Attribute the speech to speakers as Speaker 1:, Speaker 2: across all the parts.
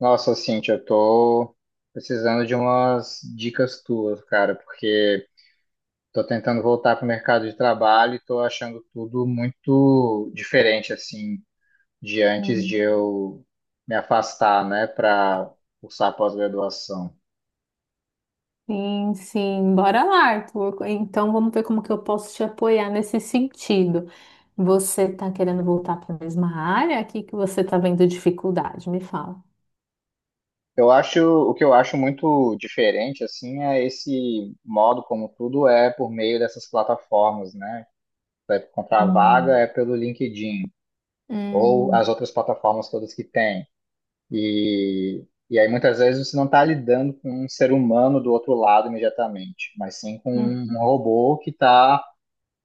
Speaker 1: Nossa, Cintia, eu tô precisando de umas dicas tuas, cara, porque tô tentando voltar pro mercado de trabalho e tô achando tudo muito diferente, assim, de antes
Speaker 2: Hum.
Speaker 1: de eu me afastar, né, para cursar a pós-graduação.
Speaker 2: Sim, sim, bora lá, Arthur. Então vamos ver como que eu posso te apoiar nesse sentido. Você está querendo voltar para a mesma área? O que que você está vendo dificuldade? Me fala.
Speaker 1: Eu acho, o que eu acho muito diferente, assim, é esse modo como tudo é por meio dessas plataformas, né? Vai encontrar vaga
Speaker 2: Hum,
Speaker 1: é pelo LinkedIn ou as
Speaker 2: hum,
Speaker 1: outras plataformas todas que tem. E aí muitas vezes você não está lidando com um ser humano do outro lado imediatamente, mas sim com
Speaker 2: hum,
Speaker 1: um robô que está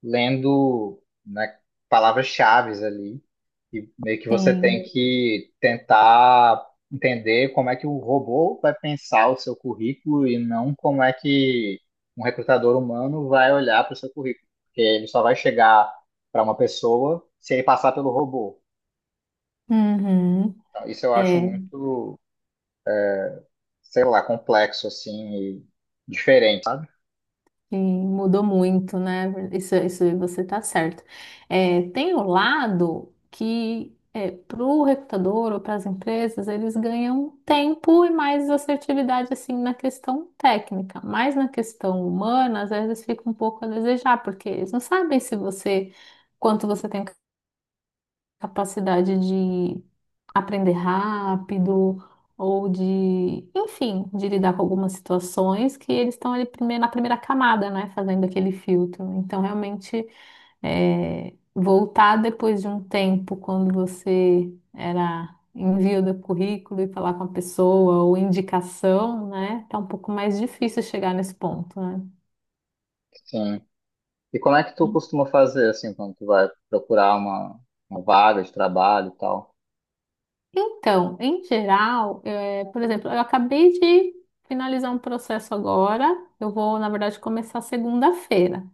Speaker 1: lendo, né, palavras-chaves ali. E meio que você tem
Speaker 2: sim.
Speaker 1: que tentar entender como é que o robô vai pensar o seu currículo e não como é que um recrutador humano vai olhar para o seu currículo. Porque ele só vai chegar para uma pessoa se ele passar pelo robô.
Speaker 2: Uhum.
Speaker 1: Então, isso eu acho
Speaker 2: É.
Speaker 1: muito, sei lá, complexo, assim, e diferente, sabe?
Speaker 2: Sim, mudou muito, né? Isso você tá certo. É, tem o lado que é, para o recrutador ou para as empresas, eles ganham tempo e mais assertividade assim na questão técnica, mas na questão humana, às vezes fica um pouco a desejar, porque eles não sabem se você quanto você tem capacidade de aprender rápido ou de, enfim, de lidar com algumas situações que eles estão ali na primeira camada, né, fazendo aquele filtro. Então, realmente, é, voltar depois de um tempo, quando você era envio do currículo e falar com a pessoa ou indicação, né, tá um pouco mais difícil chegar nesse ponto, né?
Speaker 1: Sim. E como é que tu costuma fazer, assim, quando tu vai procurar uma vaga de trabalho e tal?
Speaker 2: Então, em geral, por exemplo, eu acabei de finalizar um processo agora. Eu vou, na verdade, começar segunda-feira.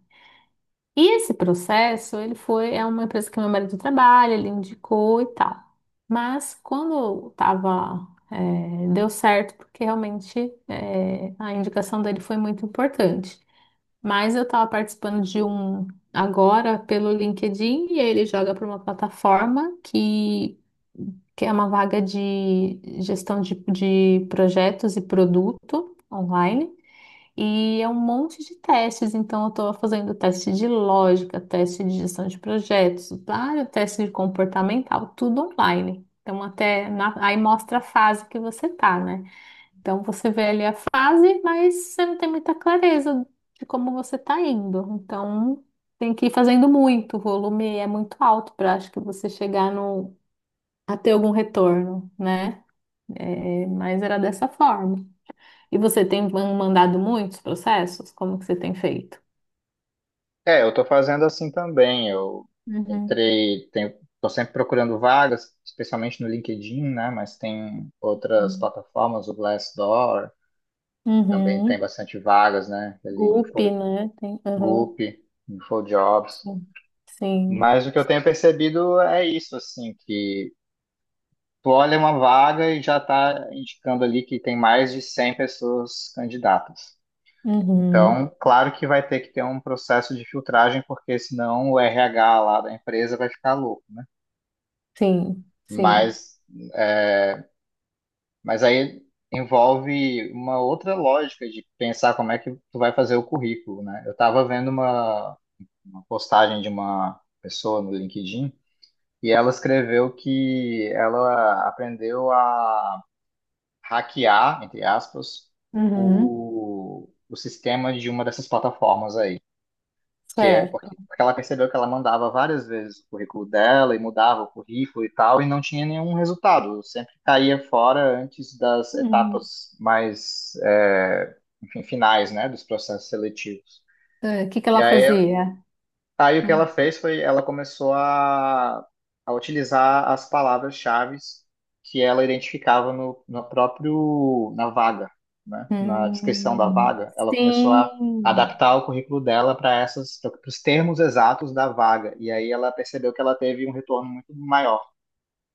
Speaker 2: E esse processo, ele foi, é uma empresa que meu marido trabalha, ele indicou e tal. Mas quando tava, deu certo, porque realmente, a indicação dele foi muito importante. Mas eu estava participando de um agora pelo LinkedIn e ele joga para uma plataforma que é uma vaga de gestão de projetos e produto online. E é um monte de testes, então eu estou fazendo teste de lógica, teste de gestão de projetos, vários testes de comportamental, tudo online. Então, até aí mostra a fase que você tá, né? Então, você vê ali a fase, mas você não tem muita clareza de como você está indo. Então, tem que ir fazendo muito, o volume é muito alto para acho que você chegar no, a ter algum retorno, né? É, mas era dessa forma. E você tem mandado muitos processos? Como que você tem feito?
Speaker 1: É, eu tô fazendo assim também. Eu
Speaker 2: Uhum.
Speaker 1: entrei, tenho, tô sempre procurando vagas, especialmente no LinkedIn, né? Mas tem outras plataformas, o Glassdoor, também tem
Speaker 2: Uhum.
Speaker 1: bastante vagas, né? Ele
Speaker 2: Group, né? Tem, uhum.
Speaker 1: InfoGup, InfoJobs.
Speaker 2: Sim. Sim.
Speaker 1: Mas o que eu tenho percebido é isso, assim, que tu olha uma vaga e já está indicando ali que tem mais de 100 pessoas candidatas.
Speaker 2: Uhum.
Speaker 1: Então, claro que vai ter que ter um processo de filtragem, porque senão o RH lá da empresa vai ficar louco.
Speaker 2: Sim. Sim.
Speaker 1: Mas, é, mas aí envolve uma outra lógica de pensar como é que tu vai fazer o currículo, né? Eu estava vendo uma postagem de uma pessoa no LinkedIn e ela escreveu que ela aprendeu a hackear, entre aspas,
Speaker 2: Uhum.
Speaker 1: o sistema de uma dessas plataformas aí. Que é
Speaker 2: Certo.
Speaker 1: porque ela percebeu que ela mandava várias vezes o currículo dela e mudava o currículo e tal, e não tinha nenhum resultado. Sempre caía fora antes das
Speaker 2: Uhum.
Speaker 1: etapas mais, enfim, finais, né, dos processos seletivos.
Speaker 2: É, o que que
Speaker 1: E
Speaker 2: ela
Speaker 1: aí
Speaker 2: fazia?
Speaker 1: Aí o que ela
Speaker 2: Hum.
Speaker 1: fez foi, ela começou a utilizar as palavras-chave que ela identificava no, no próprio, na vaga, né? Na descrição da
Speaker 2: Hum.
Speaker 1: vaga, ela começou a
Speaker 2: Sim.
Speaker 1: adaptar o currículo dela para os termos exatos da vaga. E aí ela percebeu que ela teve um retorno muito maior,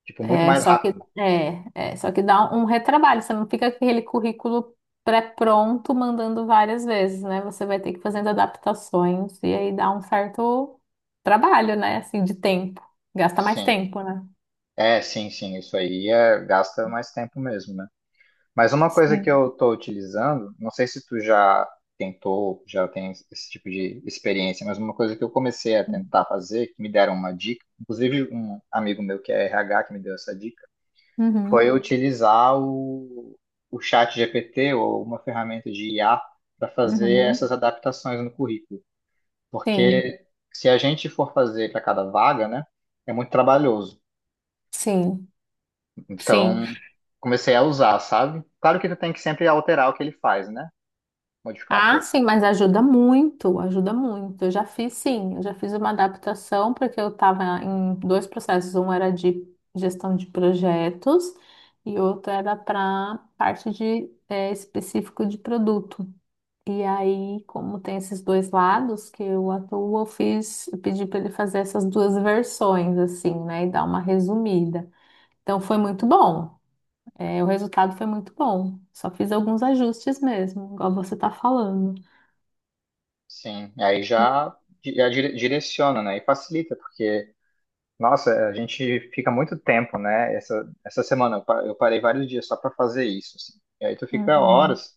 Speaker 1: tipo, muito
Speaker 2: É,
Speaker 1: mais
Speaker 2: só que
Speaker 1: rápido.
Speaker 2: só que dá um retrabalho, você não fica com aquele currículo pré-pronto mandando várias vezes, né? Você vai ter que ir fazendo adaptações e aí dá um certo trabalho, né? Assim, de tempo. Gasta mais
Speaker 1: Sim.
Speaker 2: tempo, né?
Speaker 1: É, sim, sim, isso aí gasta mais tempo mesmo, né? Mas uma coisa que
Speaker 2: Sim.
Speaker 1: eu estou utilizando, não sei se tu já tentou, já tem esse tipo de experiência, mas uma coisa que eu comecei a tentar fazer, que me deram uma dica, inclusive um amigo meu que é RH que me deu essa dica,
Speaker 2: Uhum,
Speaker 1: foi eu utilizar o chat GPT ou uma ferramenta de IA para fazer
Speaker 2: uhum.
Speaker 1: essas adaptações no currículo.
Speaker 2: Sim,
Speaker 1: Porque se a gente for fazer para cada vaga, né, é muito trabalhoso.
Speaker 2: sim, sim.
Speaker 1: Então, comecei a usar, sabe? Claro que tu tem que sempre alterar o que ele faz, né? Modificar um
Speaker 2: Ah,
Speaker 1: pouco.
Speaker 2: sim, mas ajuda muito, ajuda muito. Eu já fiz, sim, eu já fiz uma adaptação, porque eu estava em dois processos. Um era de gestão de projetos e outro era para parte de específico de produto. E aí, como tem esses dois lados que eu atuo, eu fiz, eu pedi para ele fazer essas duas versões, assim, né, e dar uma resumida. Então, foi muito bom. O resultado foi muito bom. Só fiz alguns ajustes mesmo, igual você está falando.
Speaker 1: Sim, e aí já direciona, né? E facilita, porque, nossa, a gente fica muito tempo, né? Essa semana eu parei vários dias só para fazer isso, assim. E aí tu fica
Speaker 2: Uhum.
Speaker 1: horas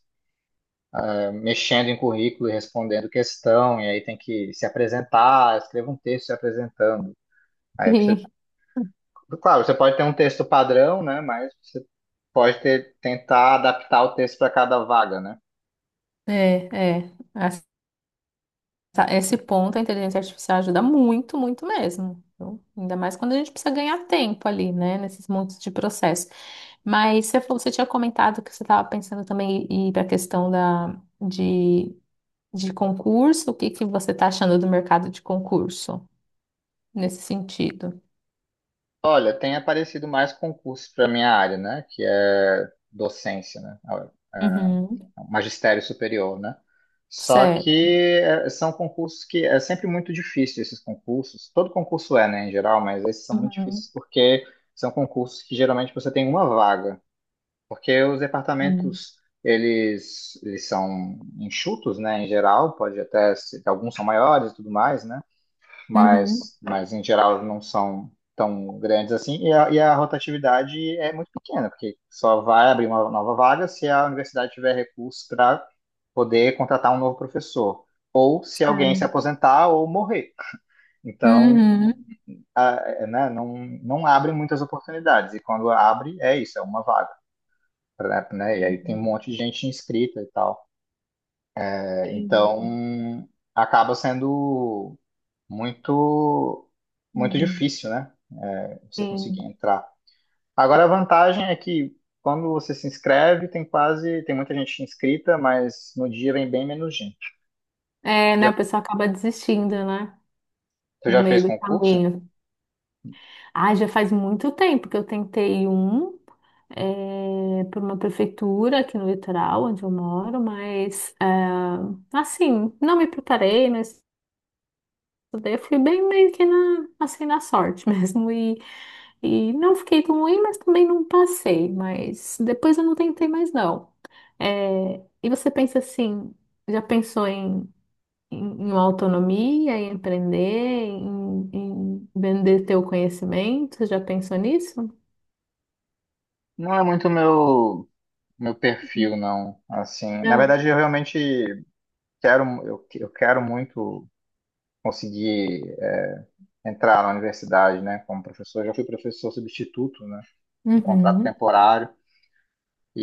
Speaker 1: mexendo em currículo e respondendo questão, e aí tem que se apresentar, escreva um texto se apresentando. Aí
Speaker 2: Sim,
Speaker 1: claro, você pode ter um texto padrão, né? Mas você pode tentar adaptar o texto para cada vaga, né?
Speaker 2: é, é. Esse ponto a inteligência artificial ajuda muito, muito mesmo. Então, ainda mais quando a gente precisa ganhar tempo ali, né, nesses montes de processo. Mas você falou, você tinha comentado que você estava pensando também em ir para a questão de, de concurso. O que que você está achando do mercado de concurso nesse sentido?
Speaker 1: Olha, tem aparecido mais concursos para minha área, né? Que é docência, né?
Speaker 2: Uhum.
Speaker 1: Ah, Magistério superior, né? Só que
Speaker 2: Certo.
Speaker 1: são concursos que é sempre muito difícil esses concursos. Todo concurso é, né, em geral, mas esses são muito
Speaker 2: Uhum.
Speaker 1: difíceis porque são concursos que geralmente você tem uma vaga, porque os
Speaker 2: Sim.
Speaker 1: departamentos eles são enxutos, né, em geral, pode até ser, alguns são maiores e tudo mais, né?
Speaker 2: Uhum.
Speaker 1: Mas em geral não são tão grandes assim, e a rotatividade é muito pequena, porque só vai abrir uma nova vaga se a universidade tiver recursos para poder contratar um novo professor, ou se alguém se
Speaker 2: Certo.
Speaker 1: aposentar ou morrer. Então,
Speaker 2: Uhum.
Speaker 1: a- né, não, não abre muitas oportunidades, e quando abre, é isso, é uma vaga. E aí tem um monte de gente inscrita e tal.
Speaker 2: Sim.
Speaker 1: Então, acaba sendo muito, muito
Speaker 2: Uhum.
Speaker 1: difícil, né? Você conseguir
Speaker 2: Sim.
Speaker 1: entrar. Agora, a vantagem é que quando você se inscreve, tem muita gente inscrita, mas no dia vem bem menos gente.
Speaker 2: É,
Speaker 1: Você
Speaker 2: né?
Speaker 1: já,
Speaker 2: A pessoa acaba desistindo, né?
Speaker 1: você
Speaker 2: No
Speaker 1: já
Speaker 2: meio
Speaker 1: fez
Speaker 2: do
Speaker 1: concurso?
Speaker 2: caminho. Ah, já faz muito tempo que eu tentei um para uma prefeitura aqui no litoral, onde eu moro, mas é, assim, não me preparei, não estudei, eu fui bem meio que na, assim, na sorte mesmo. E não fiquei tão ruim, mas também não passei. Mas depois eu não tentei mais, não. É, e você pensa assim, já pensou em autonomia, em empreender, em vender teu conhecimento? Já pensou nisso?
Speaker 1: Não é muito meu perfil, não. Assim, na
Speaker 2: Não.
Speaker 1: verdade, eu realmente quero, eu quero muito conseguir entrar na universidade, né? Como professor, eu já fui professor substituto, né? Um contrato
Speaker 2: Uhum.
Speaker 1: temporário.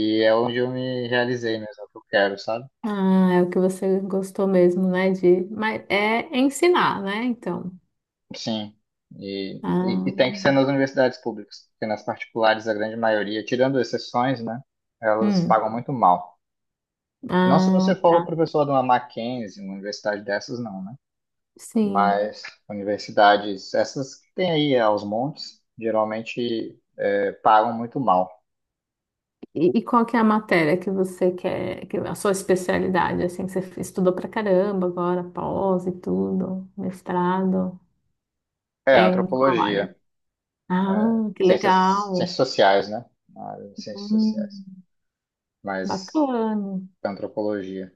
Speaker 1: E é onde eu me realizei mesmo, é o que eu quero, sabe?
Speaker 2: Ah, é o que você gostou mesmo, né? De, mas é ensinar, né? Então.
Speaker 1: Sim. E
Speaker 2: Ah,
Speaker 1: tem que ser nas universidades públicas, porque nas particulares, a grande maioria, tirando exceções, né, elas
Speaker 2: hum.
Speaker 1: pagam muito mal. Não se
Speaker 2: Ah,
Speaker 1: você for
Speaker 2: tá.
Speaker 1: professor de uma Mackenzie, uma universidade dessas, não, né?
Speaker 2: Sim.
Speaker 1: Mas universidades, essas que tem aí aos montes, geralmente pagam muito mal.
Speaker 2: E qual que é a matéria que você quer, que, a sua especialidade, assim, que você estudou pra caramba agora, pós e tudo, mestrado,
Speaker 1: É,
Speaker 2: é em qual área?
Speaker 1: antropologia,
Speaker 2: Ah, que
Speaker 1: ciências
Speaker 2: legal.
Speaker 1: sociais, né? Ah, ciências sociais,
Speaker 2: Hum.
Speaker 1: mas
Speaker 2: Bacana.
Speaker 1: antropologia.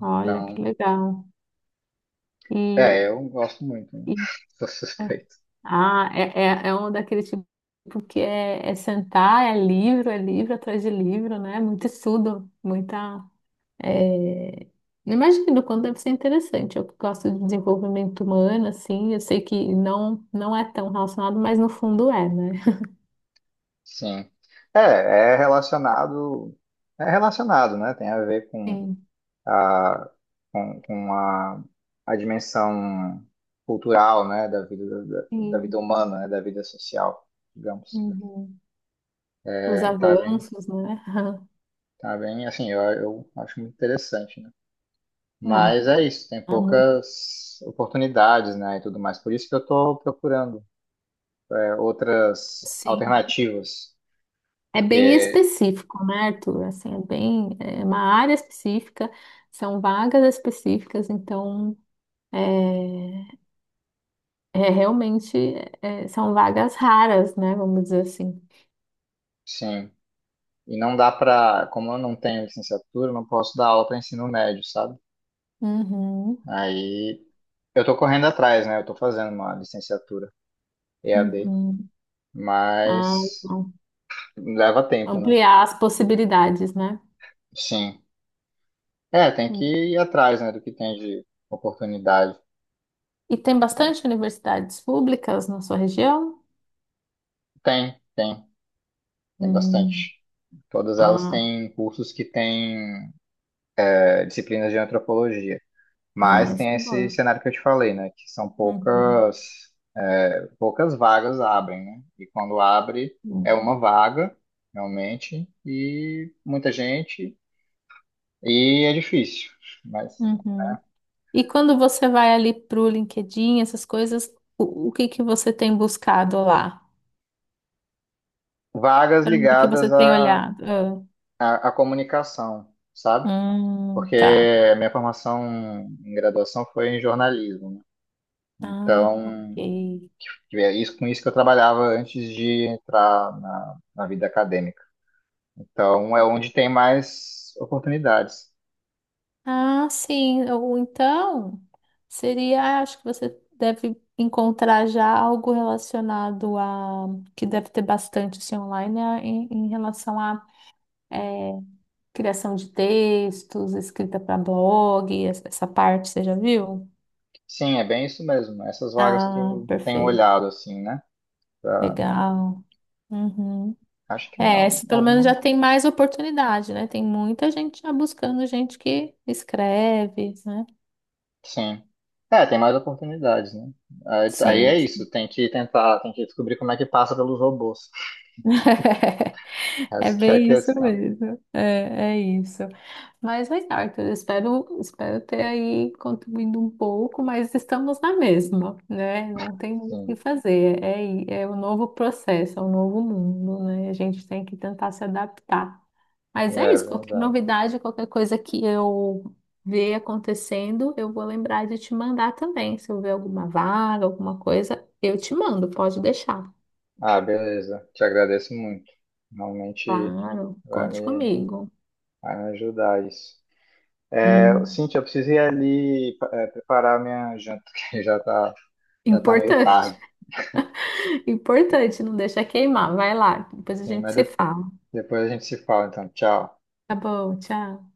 Speaker 2: Olha, que
Speaker 1: Então,
Speaker 2: legal. E,
Speaker 1: É, eu gosto muito, né?
Speaker 2: e-
Speaker 1: Sou
Speaker 2: é,
Speaker 1: suspeito.
Speaker 2: é um daquele tipo que é sentar, é livro atrás de livro, né? Muito estudo, muita. é, Imagino o quanto deve ser interessante. Eu que gosto de desenvolvimento humano, assim, eu sei que não, não é tão relacionado, mas no fundo é, né?
Speaker 1: Sim. É, é relacionado, né? Tem a ver
Speaker 2: Sim,
Speaker 1: a, com a dimensão cultural, né? Da vida, da vida
Speaker 2: sim.
Speaker 1: humana, né? Da vida social, digamos.
Speaker 2: Uhum. Os
Speaker 1: É,
Speaker 2: avanços, né?
Speaker 1: tá bem, assim, eu acho muito interessante, né? Mas é isso, tem
Speaker 2: Ah, muito.
Speaker 1: poucas oportunidades, né? E tudo mais. Por isso que eu estou procurando, outras
Speaker 2: Sim.
Speaker 1: alternativas,
Speaker 2: É bem
Speaker 1: porque,
Speaker 2: específico, né, Arthur? Assim, é bem, é uma área específica, são vagas específicas, então é, é realmente são vagas raras, né? Vamos dizer assim.
Speaker 1: sim. E não dá pra, como eu não tenho licenciatura, eu não posso dar aula para ensino médio, sabe?
Speaker 2: Uhum,
Speaker 1: Aí eu tô correndo atrás, né? Eu tô fazendo uma licenciatura EAD,
Speaker 2: uhum. Ah,
Speaker 1: mas
Speaker 2: não.
Speaker 1: leva tempo, né?
Speaker 2: Ampliar as possibilidades, né?
Speaker 1: Sim. É, tem que ir atrás, né, do que tem de oportunidade.
Speaker 2: E tem
Speaker 1: pra-
Speaker 2: bastante universidades públicas na sua região?
Speaker 1: Tem, tem, tem
Speaker 2: Hum.
Speaker 1: bastante. Todas elas
Speaker 2: Ah,
Speaker 1: têm cursos que têm disciplinas de antropologia,
Speaker 2: ah,
Speaker 1: mas
Speaker 2: isso
Speaker 1: tem
Speaker 2: é
Speaker 1: esse
Speaker 2: bom.
Speaker 1: cenário que eu te falei, né, que são
Speaker 2: Uhum.
Speaker 1: poucas vagas abrem, né? E quando abre, é uma vaga, realmente, e muita gente, e é difícil. Mas
Speaker 2: Uhum. E quando você vai ali pro LinkedIn, essas coisas, o que que você tem buscado lá?
Speaker 1: vagas
Speaker 2: Para onde que você
Speaker 1: ligadas
Speaker 2: tem
Speaker 1: à,
Speaker 2: olhado? Ah,
Speaker 1: à, à comunicação, sabe? Porque
Speaker 2: tá.
Speaker 1: a minha formação em graduação foi em jornalismo, né?
Speaker 2: Ah,
Speaker 1: Então,
Speaker 2: ok.
Speaker 1: é isso, com isso que eu trabalhava antes de entrar na vida acadêmica. Então, é onde tem mais oportunidades.
Speaker 2: Ah, sim. Ou então, seria, acho que você deve encontrar já algo relacionado que deve ter bastante assim, online, em, em relação a eh, criação de textos, escrita para blog, essa parte, você já viu?
Speaker 1: Sim, é bem isso mesmo. Essas vagas que
Speaker 2: Ah,
Speaker 1: eu tenho
Speaker 2: perfeito.
Speaker 1: olhado, assim, né? Pra-
Speaker 2: Legal. Uhum.
Speaker 1: Acho que
Speaker 2: É, esse pelo
Speaker 1: alguma.
Speaker 2: menos já tem mais oportunidade, né? Tem muita gente já buscando gente que escreve, né?
Speaker 1: Sim. É, tem mais oportunidades, né? Aí
Speaker 2: Sim.
Speaker 1: é isso, tem que tentar, tem que descobrir como é que passa pelos robôs.
Speaker 2: É
Speaker 1: Essa que é a
Speaker 2: bem isso
Speaker 1: questão.
Speaker 2: mesmo. É, é isso. Mas, Arthur, espero, espero ter aí contribuído um pouco, mas estamos na mesma, né? Não tem muito o que
Speaker 1: Sim,
Speaker 2: fazer. É o novo processo, é o novo mundo, né? A gente tem que tentar se adaptar. Mas é
Speaker 1: é
Speaker 2: isso, qualquer
Speaker 1: verdade.
Speaker 2: novidade, qualquer coisa que eu ver acontecendo, eu vou lembrar de te mandar também. Se eu ver alguma vaga, alguma coisa, eu te mando, pode deixar.
Speaker 1: Ah, beleza. Te agradeço muito. Realmente
Speaker 2: Claro,
Speaker 1: vai
Speaker 2: conte
Speaker 1: me,
Speaker 2: comigo.
Speaker 1: vai me ajudar isso. É,
Speaker 2: Hum,
Speaker 1: Cintia, eu preciso ir ali preparar minha janta, que já tá meio
Speaker 2: importante.
Speaker 1: tarde.
Speaker 2: Importante, não deixa queimar. Vai lá, depois a
Speaker 1: Sim,
Speaker 2: gente
Speaker 1: mas
Speaker 2: se fala.
Speaker 1: depois a gente se fala, então. Tchau.
Speaker 2: Tá bom, tchau.